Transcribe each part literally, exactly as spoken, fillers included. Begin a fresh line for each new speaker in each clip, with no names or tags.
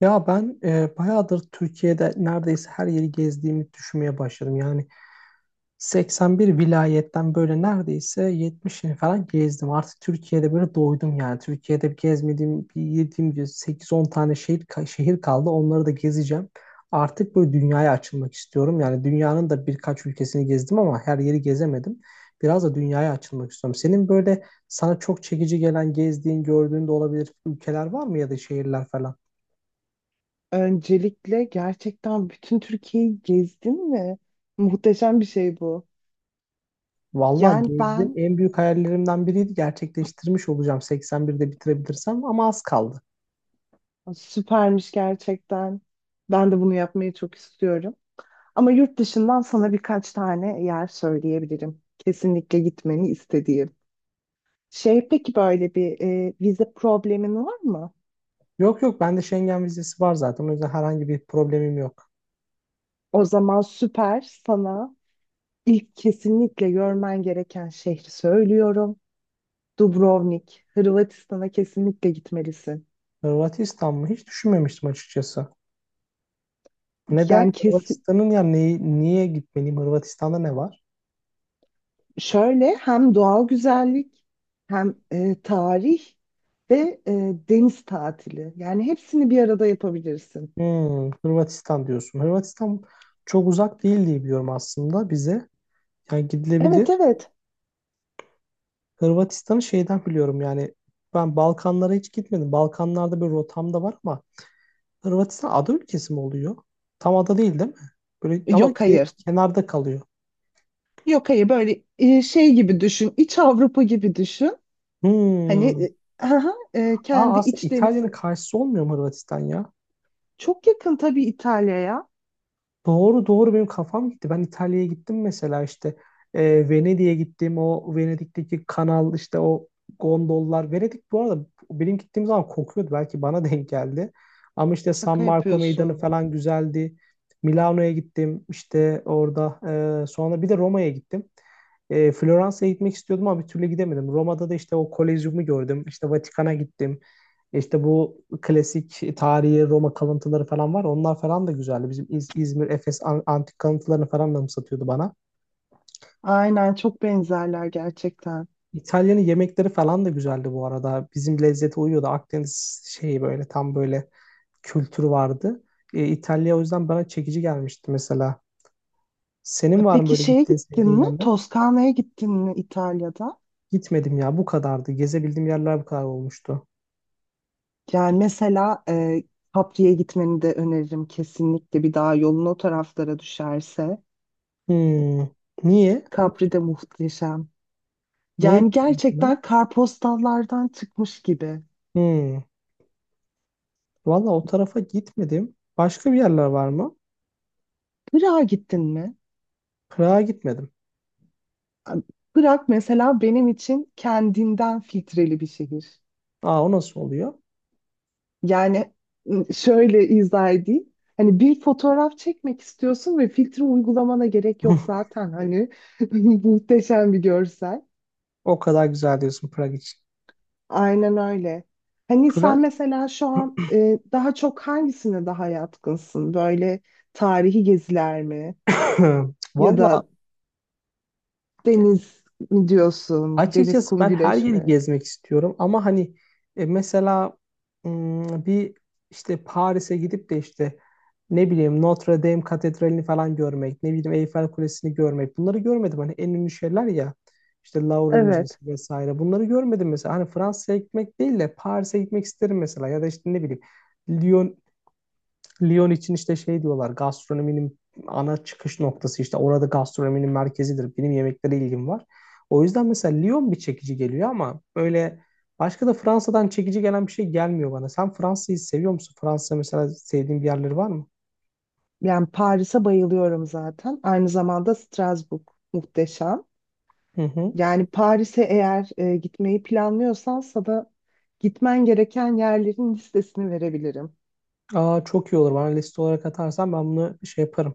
Ya ben e, bayağıdır Türkiye'de neredeyse her yeri gezdiğimi düşünmeye başladım. Yani seksen bir vilayetten böyle neredeyse yetmişini falan gezdim. Artık Türkiye'de böyle doydum yani. Türkiye'de gezmediğim, bir yediğim gibi sekiz on tane şehir, ka- şehir kaldı. Onları da gezeceğim. Artık böyle dünyaya açılmak istiyorum. Yani dünyanın da birkaç ülkesini gezdim ama her yeri gezemedim. Biraz da dünyaya açılmak istiyorum. Senin böyle sana çok çekici gelen, gezdiğin, gördüğün de olabilir ülkeler var mı ya da şehirler falan?
Öncelikle gerçekten bütün Türkiye'yi gezdin mi? Muhteşem bir şey bu.
Vallahi
Yani
gezdim.
ben
En büyük hayallerimden biriydi. Gerçekleştirmiş olacağım seksen birde bitirebilirsem ama az kaldı.
süpermiş gerçekten. Ben de bunu yapmayı çok istiyorum. Ama yurt dışından sana birkaç tane yer söyleyebilirim. Kesinlikle gitmeni istediğim. Şey peki böyle bir e, vize problemin var mı?
Yok yok, bende Schengen vizesi var zaten. O yüzden herhangi bir problemim yok.
O zaman süper, sana ilk kesinlikle görmen gereken şehri söylüyorum. Dubrovnik, Hırvatistan'a kesinlikle gitmelisin.
Hırvatistan mı? Hiç düşünmemiştim açıkçası. Neden?
Yani kes,
Hırvatistan'ın ya neyi, niye gitmeliyim? Hırvatistan'da ne var?
Şöyle hem doğal güzellik, hem e, tarih ve e, deniz tatili. Yani hepsini bir arada yapabilirsin.
Hmm, Hırvatistan diyorsun. Hırvatistan çok uzak değil diye biliyorum aslında bize. Yani
Evet,
gidilebilir.
evet.
Hırvatistan'ı şeyden biliyorum, yani ben Balkanlara hiç gitmedim. Balkanlarda bir rotam da var ama Hırvatistan ada ülkesi mi oluyor? Tam ada değil, değil mi? Böyle ama
Yok,
ke-
hayır.
kenarda kalıyor.
Yok hayır, böyle e, şey gibi düşün. İç Avrupa gibi düşün. Hani
Hmm.
e, aha, e,
Aa,
kendi
aslında
iç denizi.
İtalya'nın karşısı olmuyor mu Hırvatistan ya?
Çok yakın tabii İtalya'ya.
Doğru doğru, benim kafam gitti. Ben İtalya'ya gittim mesela, işte e, Venedik'e gittim. O Venedik'teki kanal, işte o gondollar. Venedik bu arada benim gittiğim zaman kokuyordu. Belki bana denk geldi. Ama işte San
Şaka
Marco Meydanı
yapıyorsun.
falan güzeldi. Milano'ya gittim, işte orada. E, sonra bir de Roma'ya gittim. E, Floransa'ya gitmek istiyordum ama bir türlü gidemedim. Roma'da da işte o Kolezyum'u gördüm. İşte Vatikan'a gittim. İşte bu klasik tarihi Roma kalıntıları falan var. Onlar falan da güzeldi. Bizim İz- İzmir, Efes an- antik kalıntılarını falan da satıyordu bana.
Aynen, çok benzerler gerçekten.
İtalya'nın yemekleri falan da güzeldi bu arada. Bizim lezzete uyuyordu. Akdeniz şeyi böyle tam böyle kültürü vardı. E, İtalya o yüzden bana çekici gelmişti mesela.
E,
Senin var mı
Peki
böyle
şeye
gittiğin
gittin
sevdiğin
mi?
yerler?
Toskana'ya gittin mi İtalya'da?
Gitmedim ya, bu kadardı. Gezebildiğim yerler bu kadar olmuştu.
Yani mesela e, Capri'ye gitmeni de öneririm kesinlikle, bir daha yolun o taraflara düşerse.
Hmm. Niye?
Capri de muhteşem.
Neye
Yani
gittin mesela?
gerçekten kartpostallardan çıkmış gibi.
Hmm. Valla o tarafa gitmedim. Başka bir yerler var mı?
Prag'a gittin mi?
Prag'a gitmedim.
Prag mesela benim için kendinden filtreli bir şehir.
Aa, o nasıl oluyor?
Yani şöyle izah edeyim. Hani bir fotoğraf çekmek istiyorsun ve filtre uygulamana gerek yok zaten. Hani muhteşem bir görsel.
O kadar güzel diyorsun Prag için.
Aynen öyle. Hani sen
Prag.
mesela şu an e, daha çok hangisine daha yatkınsın? Böyle tarihi geziler mi? Ya
Valla
da deniz mi diyorsun? Deniz,
açıkçası
kum,
ben her
güneş
yeri
mi?
gezmek istiyorum ama hani e, mesela mm, bir işte Paris'e gidip de işte ne bileyim Notre Dame Katedrali'ni falan görmek, ne bileyim Eyfel Kulesi'ni görmek, bunları görmedim. Hani en ünlü şeyler ya, işte Louvre
Evet.
Müzesi vesaire, bunları görmedim mesela. Hani Fransa'ya gitmek değil de Paris'e gitmek isterim mesela, ya da işte ne bileyim Lyon Lyon için işte şey diyorlar, gastronominin ana çıkış noktası, işte orada gastronominin merkezidir. Benim yemeklere ilgim var. O yüzden mesela Lyon bir çekici geliyor ama böyle başka da Fransa'dan çekici gelen bir şey gelmiyor bana. Sen Fransa'yı seviyor musun? Fransa mesela sevdiğin bir yerleri var mı?
Yani Paris'e bayılıyorum zaten. Aynı zamanda Strasbourg muhteşem.
Hı hı.
Yani Paris'e eğer e, gitmeyi planlıyorsan, sana gitmen gereken yerlerin listesini verebilirim.
Aa, çok iyi olur. Bana liste olarak atarsan ben bunu şey yaparım.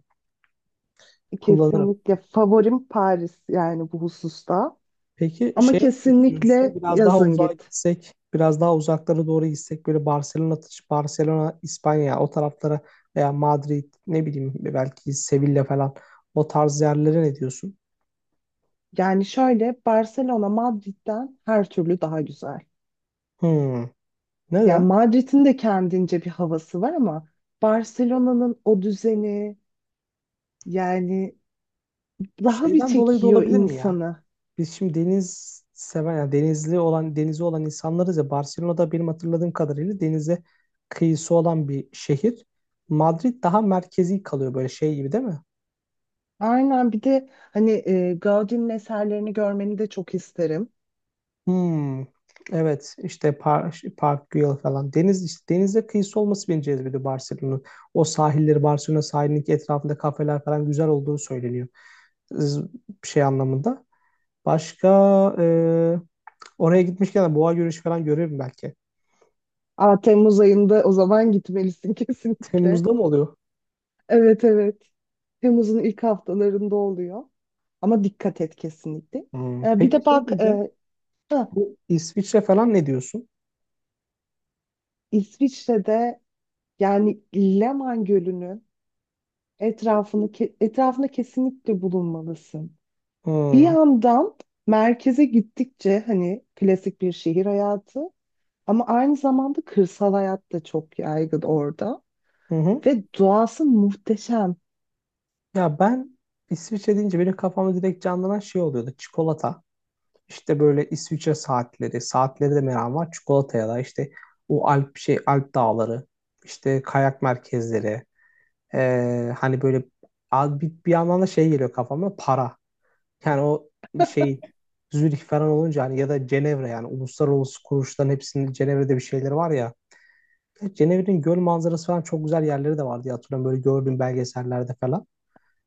Kullanırım.
Kesinlikle favorim Paris yani bu hususta.
Peki
Ama
şey ne düşünüyorsun?
kesinlikle
Biraz daha
yazın
uzağa
git.
gitsek, biraz daha uzaklara doğru gitsek böyle Barcelona, Barcelona, İspanya o taraflara, veya Madrid, ne bileyim belki Sevilla falan, o tarz yerlere ne diyorsun?
Yani şöyle, Barcelona Madrid'den her türlü daha güzel.
Hmm.
Yani
Neden?
Madrid'in de kendince bir havası var ama Barcelona'nın o düzeni yani daha bir
Şeyden dolayı da
çekiyor
olabilir mi ya?
insanı.
Biz şimdi deniz seven, yani denizli olan, denizi olan insanlarız ya, Barcelona'da benim hatırladığım kadarıyla denize kıyısı olan bir şehir. Madrid daha merkezi kalıyor böyle şey gibi, değil mi?
Aynen, bir de hani e, Gaudi'nin eserlerini görmeni de çok isterim.
Hmm, evet, işte Park, Park Güell falan. Deniz, işte denize kıyısı olması beni cezbediyor Barcelona'nın. O sahilleri, Barcelona sahilinin etrafında kafeler falan güzel olduğu söyleniyor. Z- Şey anlamında. Başka e, oraya gitmişken de boğa yürüyüşü falan görürüm belki.
Aa, Temmuz ayında o zaman gitmelisin kesinlikle.
Temmuz'da mı oluyor?
Evet, evet. Temmuz'un ilk haftalarında oluyor. Ama dikkat et kesinlikle.
Hmm,
Ee, bir
peki
de
şey
bak,
diyeceğim.
e, ha,
Bu İsviçre falan ne diyorsun?
İsviçre'de, yani Leman Gölü'nün etrafını ke- etrafında kesinlikle bulunmalısın. Bir
Hmm,
yandan merkeze gittikçe hani klasik bir şehir hayatı, ama aynı zamanda kırsal hayat da çok yaygın orada
hı hı.
ve doğası muhteşem.
Ya ben, İsviçre deyince benim kafamda direkt canlanan şey oluyordu. Çikolata. İşte böyle İsviçre saatleri, saatleri de meram var. Çikolataya da işte o Alp şey Alp dağları, işte kayak merkezleri, ee, hani böyle a- bir, bir yandan da şey geliyor kafama, para. Yani o şey Zürih falan olunca hani, ya da Cenevre, yani uluslararası kuruluşların hepsinin Cenevre'de bir şeyleri var ya. E, Cenevre'nin göl manzarası falan çok güzel yerleri de vardı diye hatırlıyorum böyle gördüğüm belgesellerde falan.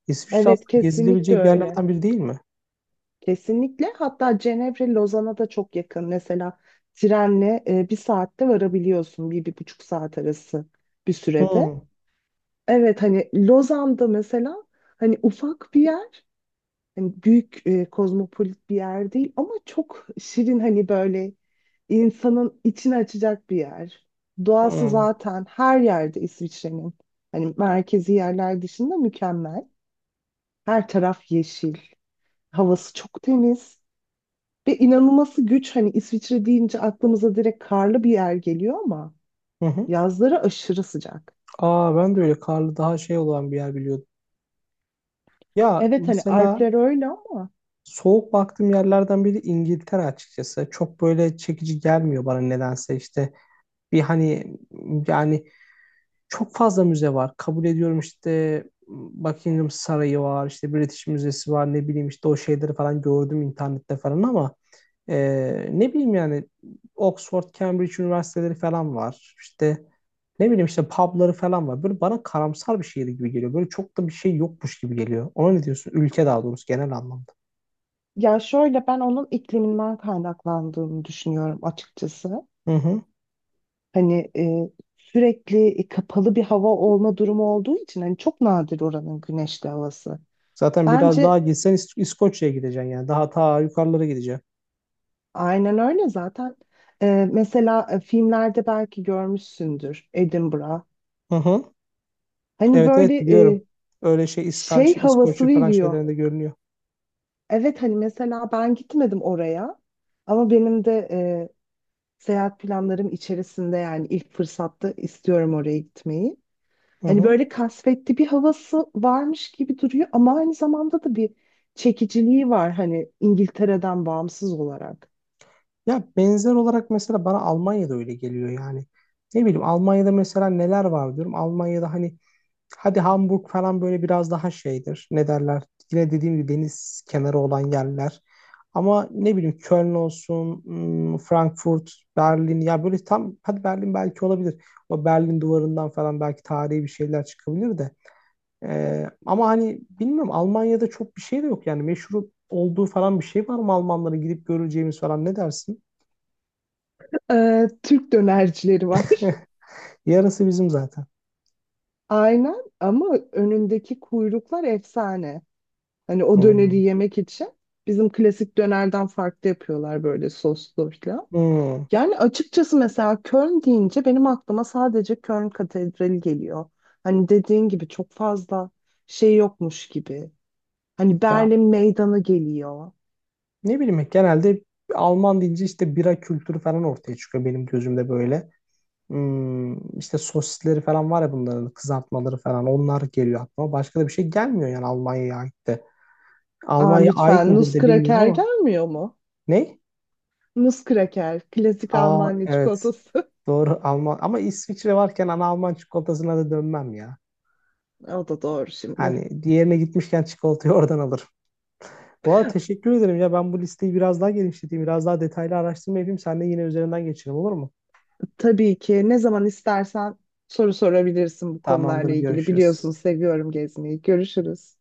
İsviçre
Evet,
aslında
kesinlikle
gezilebilecek
öyle.
yerlerden biri, değil mi?
Kesinlikle, hatta Cenevre Lozan'a da çok yakın. Mesela trenle e, bir saatte varabiliyorsun, bir, bir buçuk saat arası bir sürede.
Hı,
Evet, hani Lozan'da mesela, hani ufak bir yer, hani büyük e, kozmopolit bir yer değil ama çok şirin, hani böyle insanın içini açacak bir yer. Doğası
hı,
zaten her yerde İsviçre'nin, hani merkezi yerler dışında, mükemmel. Her taraf yeşil, havası çok temiz ve inanılması güç, hani İsviçre deyince aklımıza direkt karlı bir yer geliyor ama
hı hı.
yazları aşırı sıcak.
Aa, ben de öyle karlı daha şey olan bir yer biliyordum. Ya
Evet, hani
mesela
Alpler öyle ama.
soğuk baktığım yerlerden biri İngiltere açıkçası. Çok böyle çekici gelmiyor bana nedense, işte. Bir hani, yani çok fazla müze var. Kabul ediyorum, işte Buckingham Sarayı var, işte British Müzesi var, ne bileyim işte o şeyleri falan gördüm internette falan ama Ee, ne bileyim yani Oxford, Cambridge üniversiteleri falan var. İşte ne bileyim, işte pubları falan var. Böyle bana karamsar bir şehir gibi geliyor. Böyle çok da bir şey yokmuş gibi geliyor. Ona ne diyorsun? Ülke daha doğrusu, genel anlamda.
Ya şöyle, ben onun ikliminden kaynaklandığını düşünüyorum açıkçası.
Hı hı.
Hani e, sürekli e, kapalı bir hava olma durumu olduğu için, hani çok nadir oranın güneşli havası.
Zaten biraz daha
Bence
gitsen İs- İskoçya'ya gideceksin yani. Daha ta yukarılara gideceksin.
aynen öyle zaten. E, Mesela e, filmlerde belki görmüşsündür Edinburgh.
Hı hı.
Hani
Evet
böyle
evet
e,
biliyorum. Öyle şey, İska,
şey
şey
havası
İskoçya falan
veriyor.
şeylerinde görünüyor.
Evet, hani mesela ben gitmedim oraya ama benim de e, seyahat planlarım içerisinde, yani ilk fırsatta istiyorum oraya gitmeyi.
Hı
Hani
hı.
böyle kasvetli bir havası varmış gibi duruyor ama aynı zamanda da bir çekiciliği var, hani İngiltere'den bağımsız olarak.
Ya benzer olarak mesela bana Almanya'da öyle geliyor yani. Ne bileyim, Almanya'da mesela neler var diyorum. Almanya'da hani hadi Hamburg falan böyle biraz daha şeydir. Ne derler? Yine dediğim gibi, deniz kenarı olan yerler. Ama ne bileyim, Köln olsun, hmm, Frankfurt, Berlin. Ya böyle tam, hadi Berlin belki olabilir. O Berlin duvarından falan belki tarihi bir şeyler çıkabilir de. Ee, ama hani bilmiyorum, Almanya'da çok bir şey de yok yani, meşhur olduğu falan bir şey var mı Almanların, gidip göreceğimiz falan, ne dersin?
Ee, Türk dönercileri var.
Yarısı bizim zaten.
Aynen, ama önündeki kuyruklar efsane. Hani o döneri
Hmm.
yemek için bizim klasik dönerden farklı yapıyorlar, böyle soslu falan.
Hmm.
Yani açıkçası mesela Köln deyince benim aklıma sadece Köln Katedrali geliyor. Hani dediğin gibi çok fazla şey yokmuş gibi. Hani
Ya,
Berlin Meydanı geliyor.
ne bileyim genelde Alman deyince işte bira kültürü falan ortaya çıkıyor benim gözümde böyle. Hmm, işte sosisleri falan var ya bunların, kızartmaları falan, onlar geliyor aklıma. Başka da bir şey gelmiyor yani Almanya'ya ait de.
Aa,
Almanya'ya ait
lütfen
midir de bilmiyorum
Nuskraker
ama.
gelmiyor mu?
Ne?
Nuskraker, klasik
Aa,
Almanya
evet.
çikolatası.
Doğru Alman ama İsviçre varken ana Alman çikolatasına da dönmem ya.
O da doğru şimdi.
Hani diğerine gitmişken çikolatayı oradan alırım. Bu arada teşekkür ederim ya, ben bu listeyi biraz daha genişleteyim. Biraz daha detaylı araştırma yapayım. Sen de yine üzerinden geçelim, olur mu?
Tabii ki, ne zaman istersen soru sorabilirsin bu
Tamamdır,
konularla ilgili.
görüşürüz.
Biliyorsun, seviyorum gezmeyi. Görüşürüz.